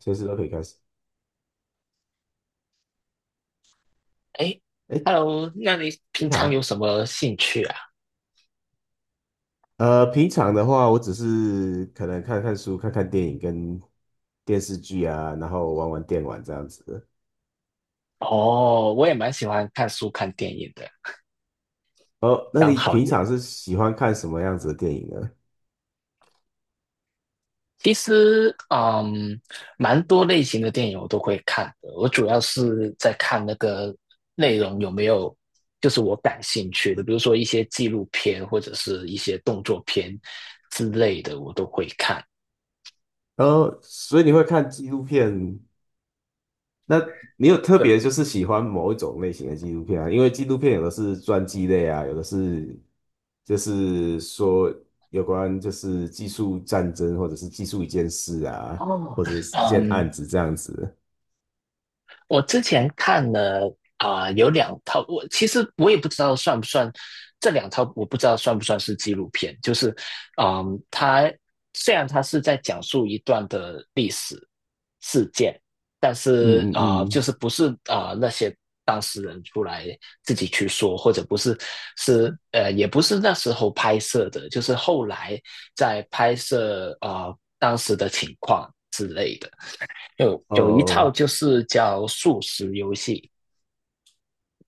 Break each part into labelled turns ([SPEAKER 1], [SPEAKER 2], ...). [SPEAKER 1] 随时都可以开始。
[SPEAKER 2] 哎
[SPEAKER 1] 哎，
[SPEAKER 2] ，Hello，那你平
[SPEAKER 1] 你
[SPEAKER 2] 常有
[SPEAKER 1] 好，
[SPEAKER 2] 什么兴趣啊？
[SPEAKER 1] 平常的话，我只是可能看看书、看看电影跟电视剧啊，然后玩玩电玩这样子的。
[SPEAKER 2] 哦，我也蛮喜欢看书、看电影的，
[SPEAKER 1] 哦，那
[SPEAKER 2] 刚
[SPEAKER 1] 你
[SPEAKER 2] 好
[SPEAKER 1] 平
[SPEAKER 2] 也。
[SPEAKER 1] 常是喜欢看什么样子的电影呢？
[SPEAKER 2] 其实，蛮多类型的电影我都会看的。我主要是在看那个内容有没有，就是我感兴趣的，比如说一些纪录片或者是一些动作片之类的，我都会看。
[SPEAKER 1] 哦，所以你会看纪录片？那你有特
[SPEAKER 2] 对。
[SPEAKER 1] 别就是喜欢某一种类型的纪录片啊？因为纪录片有的是传记类啊，有的是就是说有关就是技术战争或者是技术一件事啊，
[SPEAKER 2] 哦。
[SPEAKER 1] 或者是一件
[SPEAKER 2] 嗯，
[SPEAKER 1] 案子这样子。
[SPEAKER 2] 我之前看了有两套，我其实也不知道算不算这两套，我不知道算不算是纪录片。就是，嗯，它虽然它是在讲述一段的历史事件，但是
[SPEAKER 1] 嗯嗯
[SPEAKER 2] 就
[SPEAKER 1] 嗯，
[SPEAKER 2] 是不是那些当事人出来自己去说，或者不是，也不是那时候拍摄的，就是后来在拍摄当时的情况之类的。有一套
[SPEAKER 1] 哦，
[SPEAKER 2] 就是叫素食游戏，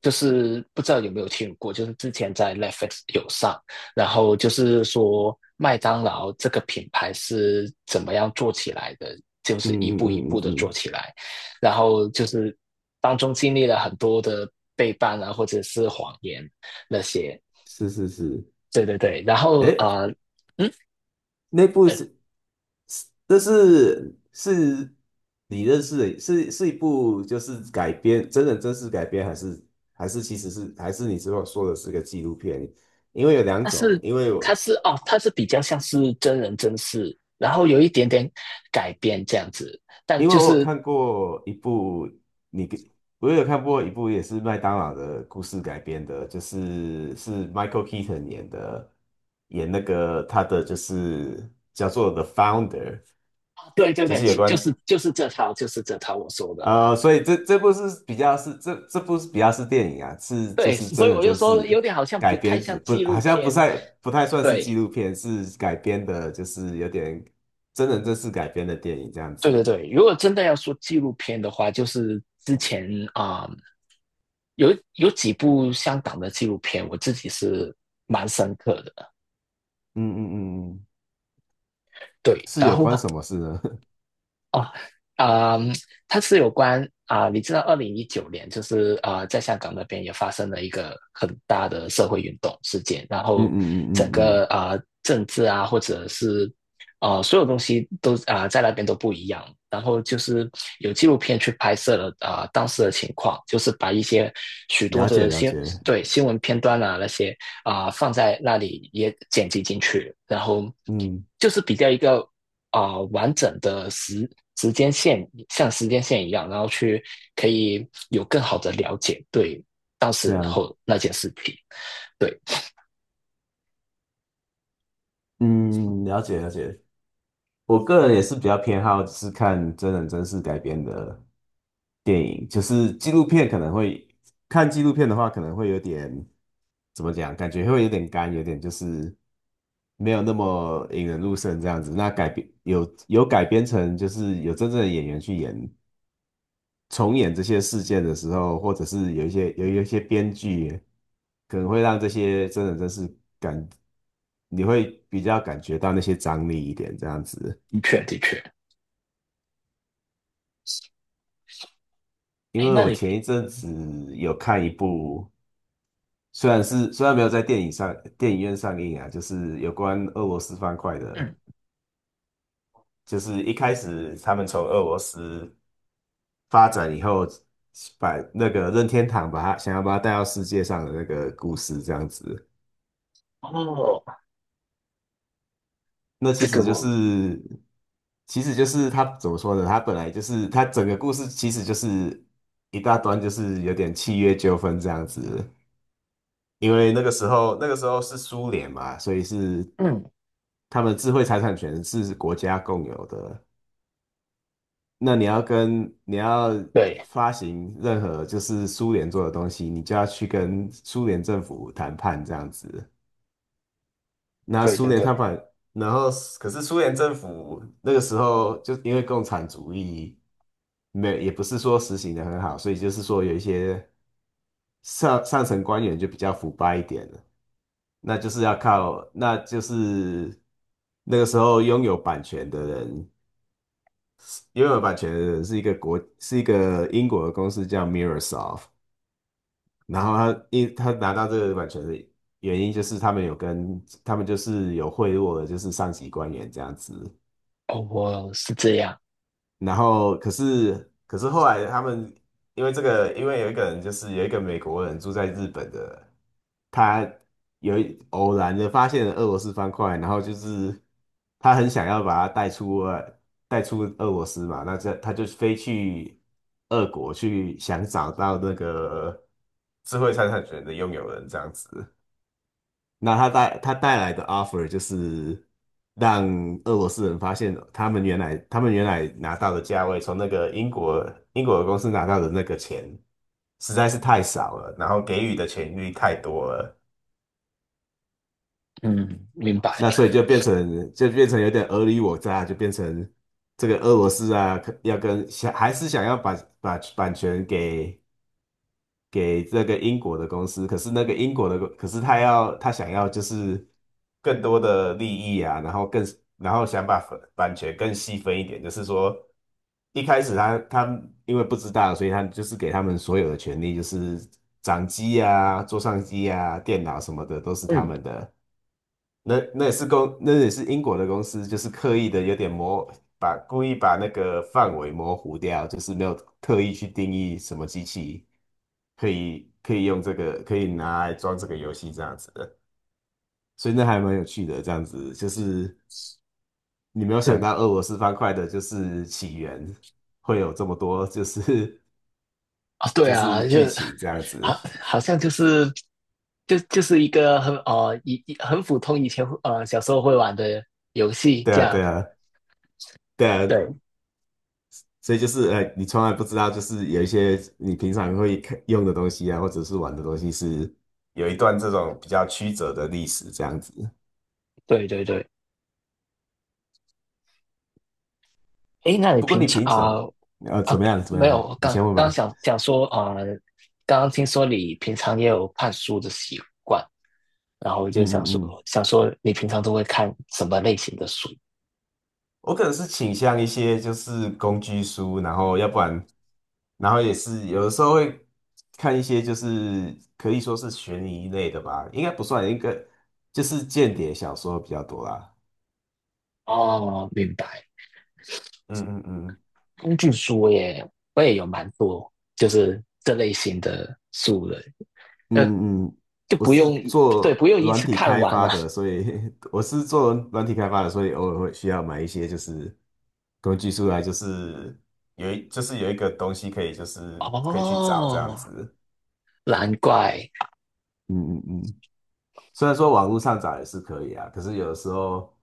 [SPEAKER 2] 就是不知道有没有听过，就是之前在 Netflix 有上，然后就是说麦当劳这个品牌是怎么样做起来的，就
[SPEAKER 1] 嗯
[SPEAKER 2] 是一步一
[SPEAKER 1] 嗯
[SPEAKER 2] 步
[SPEAKER 1] 嗯嗯
[SPEAKER 2] 的做
[SPEAKER 1] 嗯，
[SPEAKER 2] 起来，然后就是当中经历了很多的背叛啊，或者是谎言那些。
[SPEAKER 1] 是是是，
[SPEAKER 2] 对对对，然后
[SPEAKER 1] 哎，
[SPEAKER 2] 嗯，
[SPEAKER 1] 那部
[SPEAKER 2] 呃，
[SPEAKER 1] 是是，这是是你认识的，是一部就是改编真人真事改编，还是其实是还是你之后说的是个纪录片？因为有两
[SPEAKER 2] 它
[SPEAKER 1] 种，
[SPEAKER 2] 是它是哦，它是比较像是真人真事，然后有一点点改编这样子，但
[SPEAKER 1] 因为
[SPEAKER 2] 就
[SPEAKER 1] 我有
[SPEAKER 2] 是。
[SPEAKER 1] 看过一部，你给我有看过一部也是麦当劳的故事改编的，就是是 Michael Keaton 演的，演那个他的就是叫做《The Founder》，
[SPEAKER 2] 哦，对对
[SPEAKER 1] 就
[SPEAKER 2] 对，
[SPEAKER 1] 是有
[SPEAKER 2] 就
[SPEAKER 1] 关
[SPEAKER 2] 是就是这套就是这套我说的。
[SPEAKER 1] 所以这部是比较是这部是比较是电影啊，是就
[SPEAKER 2] 对，
[SPEAKER 1] 是
[SPEAKER 2] 所
[SPEAKER 1] 真
[SPEAKER 2] 以
[SPEAKER 1] 人
[SPEAKER 2] 我就
[SPEAKER 1] 真
[SPEAKER 2] 说有
[SPEAKER 1] 事
[SPEAKER 2] 点好像不
[SPEAKER 1] 改
[SPEAKER 2] 太
[SPEAKER 1] 编子，
[SPEAKER 2] 像
[SPEAKER 1] 不
[SPEAKER 2] 纪
[SPEAKER 1] 好
[SPEAKER 2] 录
[SPEAKER 1] 像不
[SPEAKER 2] 片。
[SPEAKER 1] 太不太算是纪
[SPEAKER 2] 对
[SPEAKER 1] 录片，是改编的，就是有点真人真事改编的电影这样
[SPEAKER 2] 对对
[SPEAKER 1] 子。
[SPEAKER 2] 对，如果真的要说纪录片的话，就是之前啊、嗯有几部香港的纪录片，我自己是蛮深刻的。
[SPEAKER 1] 嗯嗯嗯嗯，
[SPEAKER 2] 对，
[SPEAKER 1] 是
[SPEAKER 2] 然
[SPEAKER 1] 有
[SPEAKER 2] 后。
[SPEAKER 1] 关什么事呢？
[SPEAKER 2] 哦，啊，它是有关你知道，2019年就是在香港那边也发生了一个很大的社会运动事件，然
[SPEAKER 1] 嗯嗯
[SPEAKER 2] 后
[SPEAKER 1] 嗯嗯
[SPEAKER 2] 整
[SPEAKER 1] 嗯，嗯
[SPEAKER 2] 个政治啊，或者是所有东西都在那边都不一样。然后就是有纪录片去拍摄了当时的情况，就是把一些许多
[SPEAKER 1] 了解
[SPEAKER 2] 的
[SPEAKER 1] 了解，
[SPEAKER 2] 对，新闻片段啊那些放在那里也剪辑进去，然后
[SPEAKER 1] 嗯，
[SPEAKER 2] 就是比较一个完整的时间线，像时间线一样，然后去可以有更好的了解对当
[SPEAKER 1] 这
[SPEAKER 2] 时
[SPEAKER 1] 样，
[SPEAKER 2] 候那件事情。对，
[SPEAKER 1] 嗯，了解了解。我个人也是比较偏好是看真人真事改编的电影，就是纪录片可能会看纪录片的话，可能会有点怎么讲，感觉会有点干，有点就是没有那么引人入胜这样子。那改编有改编成就是有真正的演员去演重演这些事件的时候，或者是有一些有一些编剧。可能会让这些真人真是感，你会比较感觉到那些张力一点这样子。
[SPEAKER 2] 的确的确。
[SPEAKER 1] 因
[SPEAKER 2] 哎。
[SPEAKER 1] 为我前一阵子有看一部，虽然没有在电影电影院上映啊，就是有关俄罗斯方块的，
[SPEAKER 2] 嗯。
[SPEAKER 1] 就是一开始他们从俄罗斯发展以后，把那个任天堂把它想要把它带到世界上的那个故事这样子。
[SPEAKER 2] 哦。
[SPEAKER 1] 那其
[SPEAKER 2] 这个
[SPEAKER 1] 实就
[SPEAKER 2] 我
[SPEAKER 1] 是，其实就是他怎么说呢？他本来就是他整个故事其实就是一大段，就是有点契约纠纷这样子。因为那个时候，那个时候是苏联嘛，所以是
[SPEAKER 2] 嗯。
[SPEAKER 1] 他们智慧财产权是国家共有的。那你要跟你要
[SPEAKER 2] 对
[SPEAKER 1] 发行任何就是苏联做的东西，你就要去跟苏联政府谈判这样子。那
[SPEAKER 2] 对
[SPEAKER 1] 苏
[SPEAKER 2] 对
[SPEAKER 1] 联
[SPEAKER 2] 对。
[SPEAKER 1] 他把，然后可是苏联政府那个时候就因为共产主义没有也不是说实行的很好，所以就是说有一些上层官员就比较腐败一点了，那就是那个时候拥有版权的人，拥有版权的人是一个国，是一个英国的公司叫 MIRROSOFT 然后他拿到这个版权的原因就是他们就是有贿赂的，就是上级官员这样子。
[SPEAKER 2] 哦，我是这样。
[SPEAKER 1] 然后可是后来他们因为这个，因为有一个人就是有一个美国人住在日本的，他有一偶然的发现了俄罗斯方块，然后就是他很想要把它带出俄带出俄罗斯嘛，那这他就飞去俄国去想找到那个智慧财产权的拥有人这样子。那他带来的 offer 就是让俄罗斯人发现，他们原来拿到的价位，从那个英国英国的公司拿到的那个钱实在是太少了，然后给予的权利太多了，
[SPEAKER 2] 嗯，明白。
[SPEAKER 1] 那所以就变成有点尔虞我诈，就变成这个俄罗斯啊，可要跟想还是想要把把版权给给这个英国的公司，可是那个英国的公，可是他想要就是更多的利益啊，然后更然后想把分版权更细分一点，就是说一开始他因为不知道，所以他就是给他们所有的权利，就是掌机啊、桌上机啊、电脑什么的都是他
[SPEAKER 2] 嗯。
[SPEAKER 1] 们的。那也是英国的公司，就是刻意的有点模，把故意把那个范围模糊掉，就是没有特意去定义什么机器。可以用这个，可以拿来装这个游戏这样子的，所以那还蛮有趣的。这样子就是你没有想
[SPEAKER 2] 对
[SPEAKER 1] 到俄罗斯方块的就是起源会有这么多，就是
[SPEAKER 2] 啊、对
[SPEAKER 1] 就
[SPEAKER 2] 啊。
[SPEAKER 1] 是剧情这样
[SPEAKER 2] 好
[SPEAKER 1] 子。
[SPEAKER 2] 好像就是就是一个很呃一一很普通，以前小时候会玩的游戏
[SPEAKER 1] 对
[SPEAKER 2] 这
[SPEAKER 1] 啊，
[SPEAKER 2] 样。
[SPEAKER 1] 对啊，对啊，
[SPEAKER 2] 对
[SPEAKER 1] 所以就是你从来不知道，就是有一些你平常会看用的东西啊，或者是玩的东西是有一段这种比较曲折的历史这样子。
[SPEAKER 2] 对对对。诶，那你
[SPEAKER 1] 不过
[SPEAKER 2] 平
[SPEAKER 1] 你
[SPEAKER 2] 常
[SPEAKER 1] 平常
[SPEAKER 2] 啊
[SPEAKER 1] 怎
[SPEAKER 2] 啊，
[SPEAKER 1] 么样怎么
[SPEAKER 2] 没有，
[SPEAKER 1] 样，
[SPEAKER 2] 我
[SPEAKER 1] 你
[SPEAKER 2] 刚
[SPEAKER 1] 先问
[SPEAKER 2] 刚
[SPEAKER 1] 吧。
[SPEAKER 2] 想想说啊，刚刚听说你平常也有看书的习惯，然后我就
[SPEAKER 1] 嗯
[SPEAKER 2] 想
[SPEAKER 1] 嗯
[SPEAKER 2] 说，
[SPEAKER 1] 嗯
[SPEAKER 2] 你平常都会看什么类型的书？
[SPEAKER 1] 我可能是倾向一些就是工具书，然后要不然，然后也是有的时候会看一些就是可以说是悬疑类的吧，应该不算，一个，就是间谍小说比较多啦。
[SPEAKER 2] 哦，明白。
[SPEAKER 1] 嗯嗯嗯
[SPEAKER 2] 工具书我也有蛮多，就是这类型的书的。呃，
[SPEAKER 1] 嗯嗯，
[SPEAKER 2] 就
[SPEAKER 1] 我
[SPEAKER 2] 不
[SPEAKER 1] 是
[SPEAKER 2] 用对，
[SPEAKER 1] 做
[SPEAKER 2] 不用一
[SPEAKER 1] 软
[SPEAKER 2] 次
[SPEAKER 1] 体
[SPEAKER 2] 看
[SPEAKER 1] 开
[SPEAKER 2] 完啊。
[SPEAKER 1] 发的，所以 我是做软体开发的，所以偶尔会需要买一些就是工具书来，就是有一个东西可以就是可以去找这样
[SPEAKER 2] 哦，
[SPEAKER 1] 子。
[SPEAKER 2] 难怪。
[SPEAKER 1] 嗯嗯嗯。虽然说网络上找也是可以啊，可是有的时候，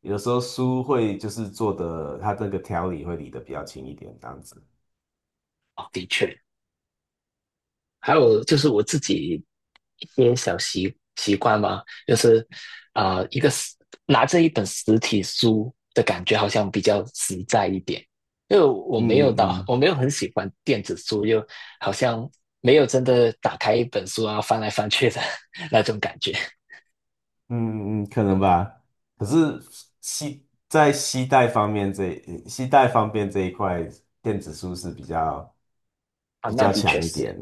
[SPEAKER 1] 有的时候书会就是做的，它那个条理会理得比较轻一点，这样子。
[SPEAKER 2] 哦，的确。还有就是我自己一些小习惯嘛，就是一个拿着一本实体书的感觉好像比较实在一点，因为
[SPEAKER 1] 嗯嗯嗯
[SPEAKER 2] 我没有很喜欢电子书，又好像没有真的打开一本书啊翻来翻去的 那种感觉。
[SPEAKER 1] 嗯嗯，嗯，可能吧。可是携在携带方面这一块，电子书是比较
[SPEAKER 2] 啊，
[SPEAKER 1] 比
[SPEAKER 2] 那
[SPEAKER 1] 较
[SPEAKER 2] 的确
[SPEAKER 1] 强一点。
[SPEAKER 2] 是。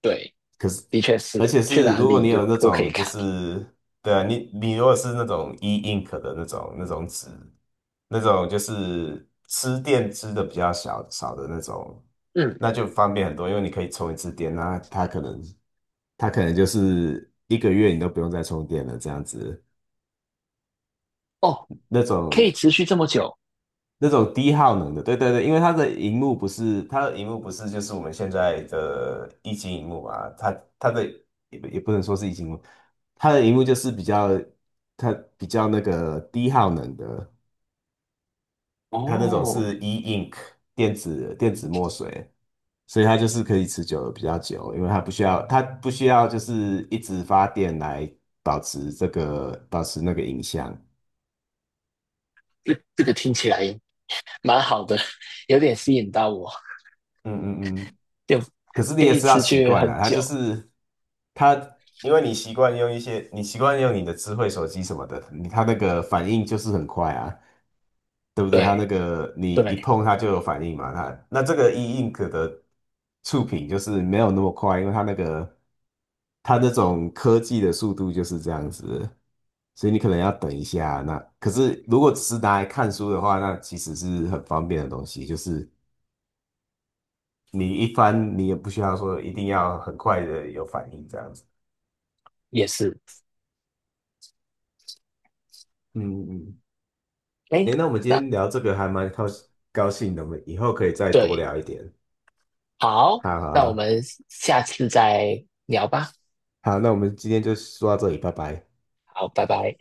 [SPEAKER 2] 对，
[SPEAKER 1] 可是。
[SPEAKER 2] 的确
[SPEAKER 1] 而
[SPEAKER 2] 是，
[SPEAKER 1] 且
[SPEAKER 2] 去
[SPEAKER 1] 是
[SPEAKER 2] 哪
[SPEAKER 1] 如果
[SPEAKER 2] 里
[SPEAKER 1] 你
[SPEAKER 2] 都
[SPEAKER 1] 有那
[SPEAKER 2] 都可以
[SPEAKER 1] 种就
[SPEAKER 2] 看。
[SPEAKER 1] 是对啊，你如果是那种 e-ink 的那种纸，那种就是吃电吃的比较小少的那种，
[SPEAKER 2] 嗯。
[SPEAKER 1] 那就方便很多，因为你可以充一次电，那它可能它可能就是1个月你都不用再充电了这样子。
[SPEAKER 2] 哦，
[SPEAKER 1] 那
[SPEAKER 2] 可
[SPEAKER 1] 种
[SPEAKER 2] 以持续这么久。
[SPEAKER 1] 那种低耗能的，对对对，因为它的荧幕不是就是我们现在的一级荧幕嘛，它它的也不也不能说是一级荧幕，它的荧幕就是比较它比较那个低耗能的，它那种
[SPEAKER 2] 哦，
[SPEAKER 1] 是 e-ink 电子电子墨水，所以它就是可以持久比较久，因为它不需要就是一直发电来保持那个影像。
[SPEAKER 2] 这个听起来蛮好的，有点吸引到我。
[SPEAKER 1] 嗯嗯嗯，
[SPEAKER 2] 就
[SPEAKER 1] 可是你
[SPEAKER 2] 可
[SPEAKER 1] 也
[SPEAKER 2] 以
[SPEAKER 1] 是要
[SPEAKER 2] 持
[SPEAKER 1] 习
[SPEAKER 2] 续
[SPEAKER 1] 惯了，
[SPEAKER 2] 很
[SPEAKER 1] 它就
[SPEAKER 2] 久。
[SPEAKER 1] 是它，因为你习惯用一些，你习惯用你的智慧手机什么的，你它那个反应就是很快啊，对不对？它
[SPEAKER 2] 对
[SPEAKER 1] 那个你一
[SPEAKER 2] 对，
[SPEAKER 1] 碰它就有反应嘛，它那这个 e-ink 的触屏就是没有那么快，因为它那种科技的速度就是这样子，所以你可能要等一下。那可是如果只是拿来看书的话，那其实是很方便的东西，就是。你一翻，你也不需要说一定要很快的有反应这样子。
[SPEAKER 2] 也是。
[SPEAKER 1] 嗯嗯，
[SPEAKER 2] 哎，
[SPEAKER 1] 诶，那我们今
[SPEAKER 2] 那
[SPEAKER 1] 天聊这个还蛮高兴的，我们以后可以再多
[SPEAKER 2] 对，
[SPEAKER 1] 聊一点。
[SPEAKER 2] 好，
[SPEAKER 1] 好啊好
[SPEAKER 2] 那我
[SPEAKER 1] 啊
[SPEAKER 2] 们下次再聊吧。
[SPEAKER 1] 好，那我们今天就说到这里，拜拜。
[SPEAKER 2] 好，拜拜。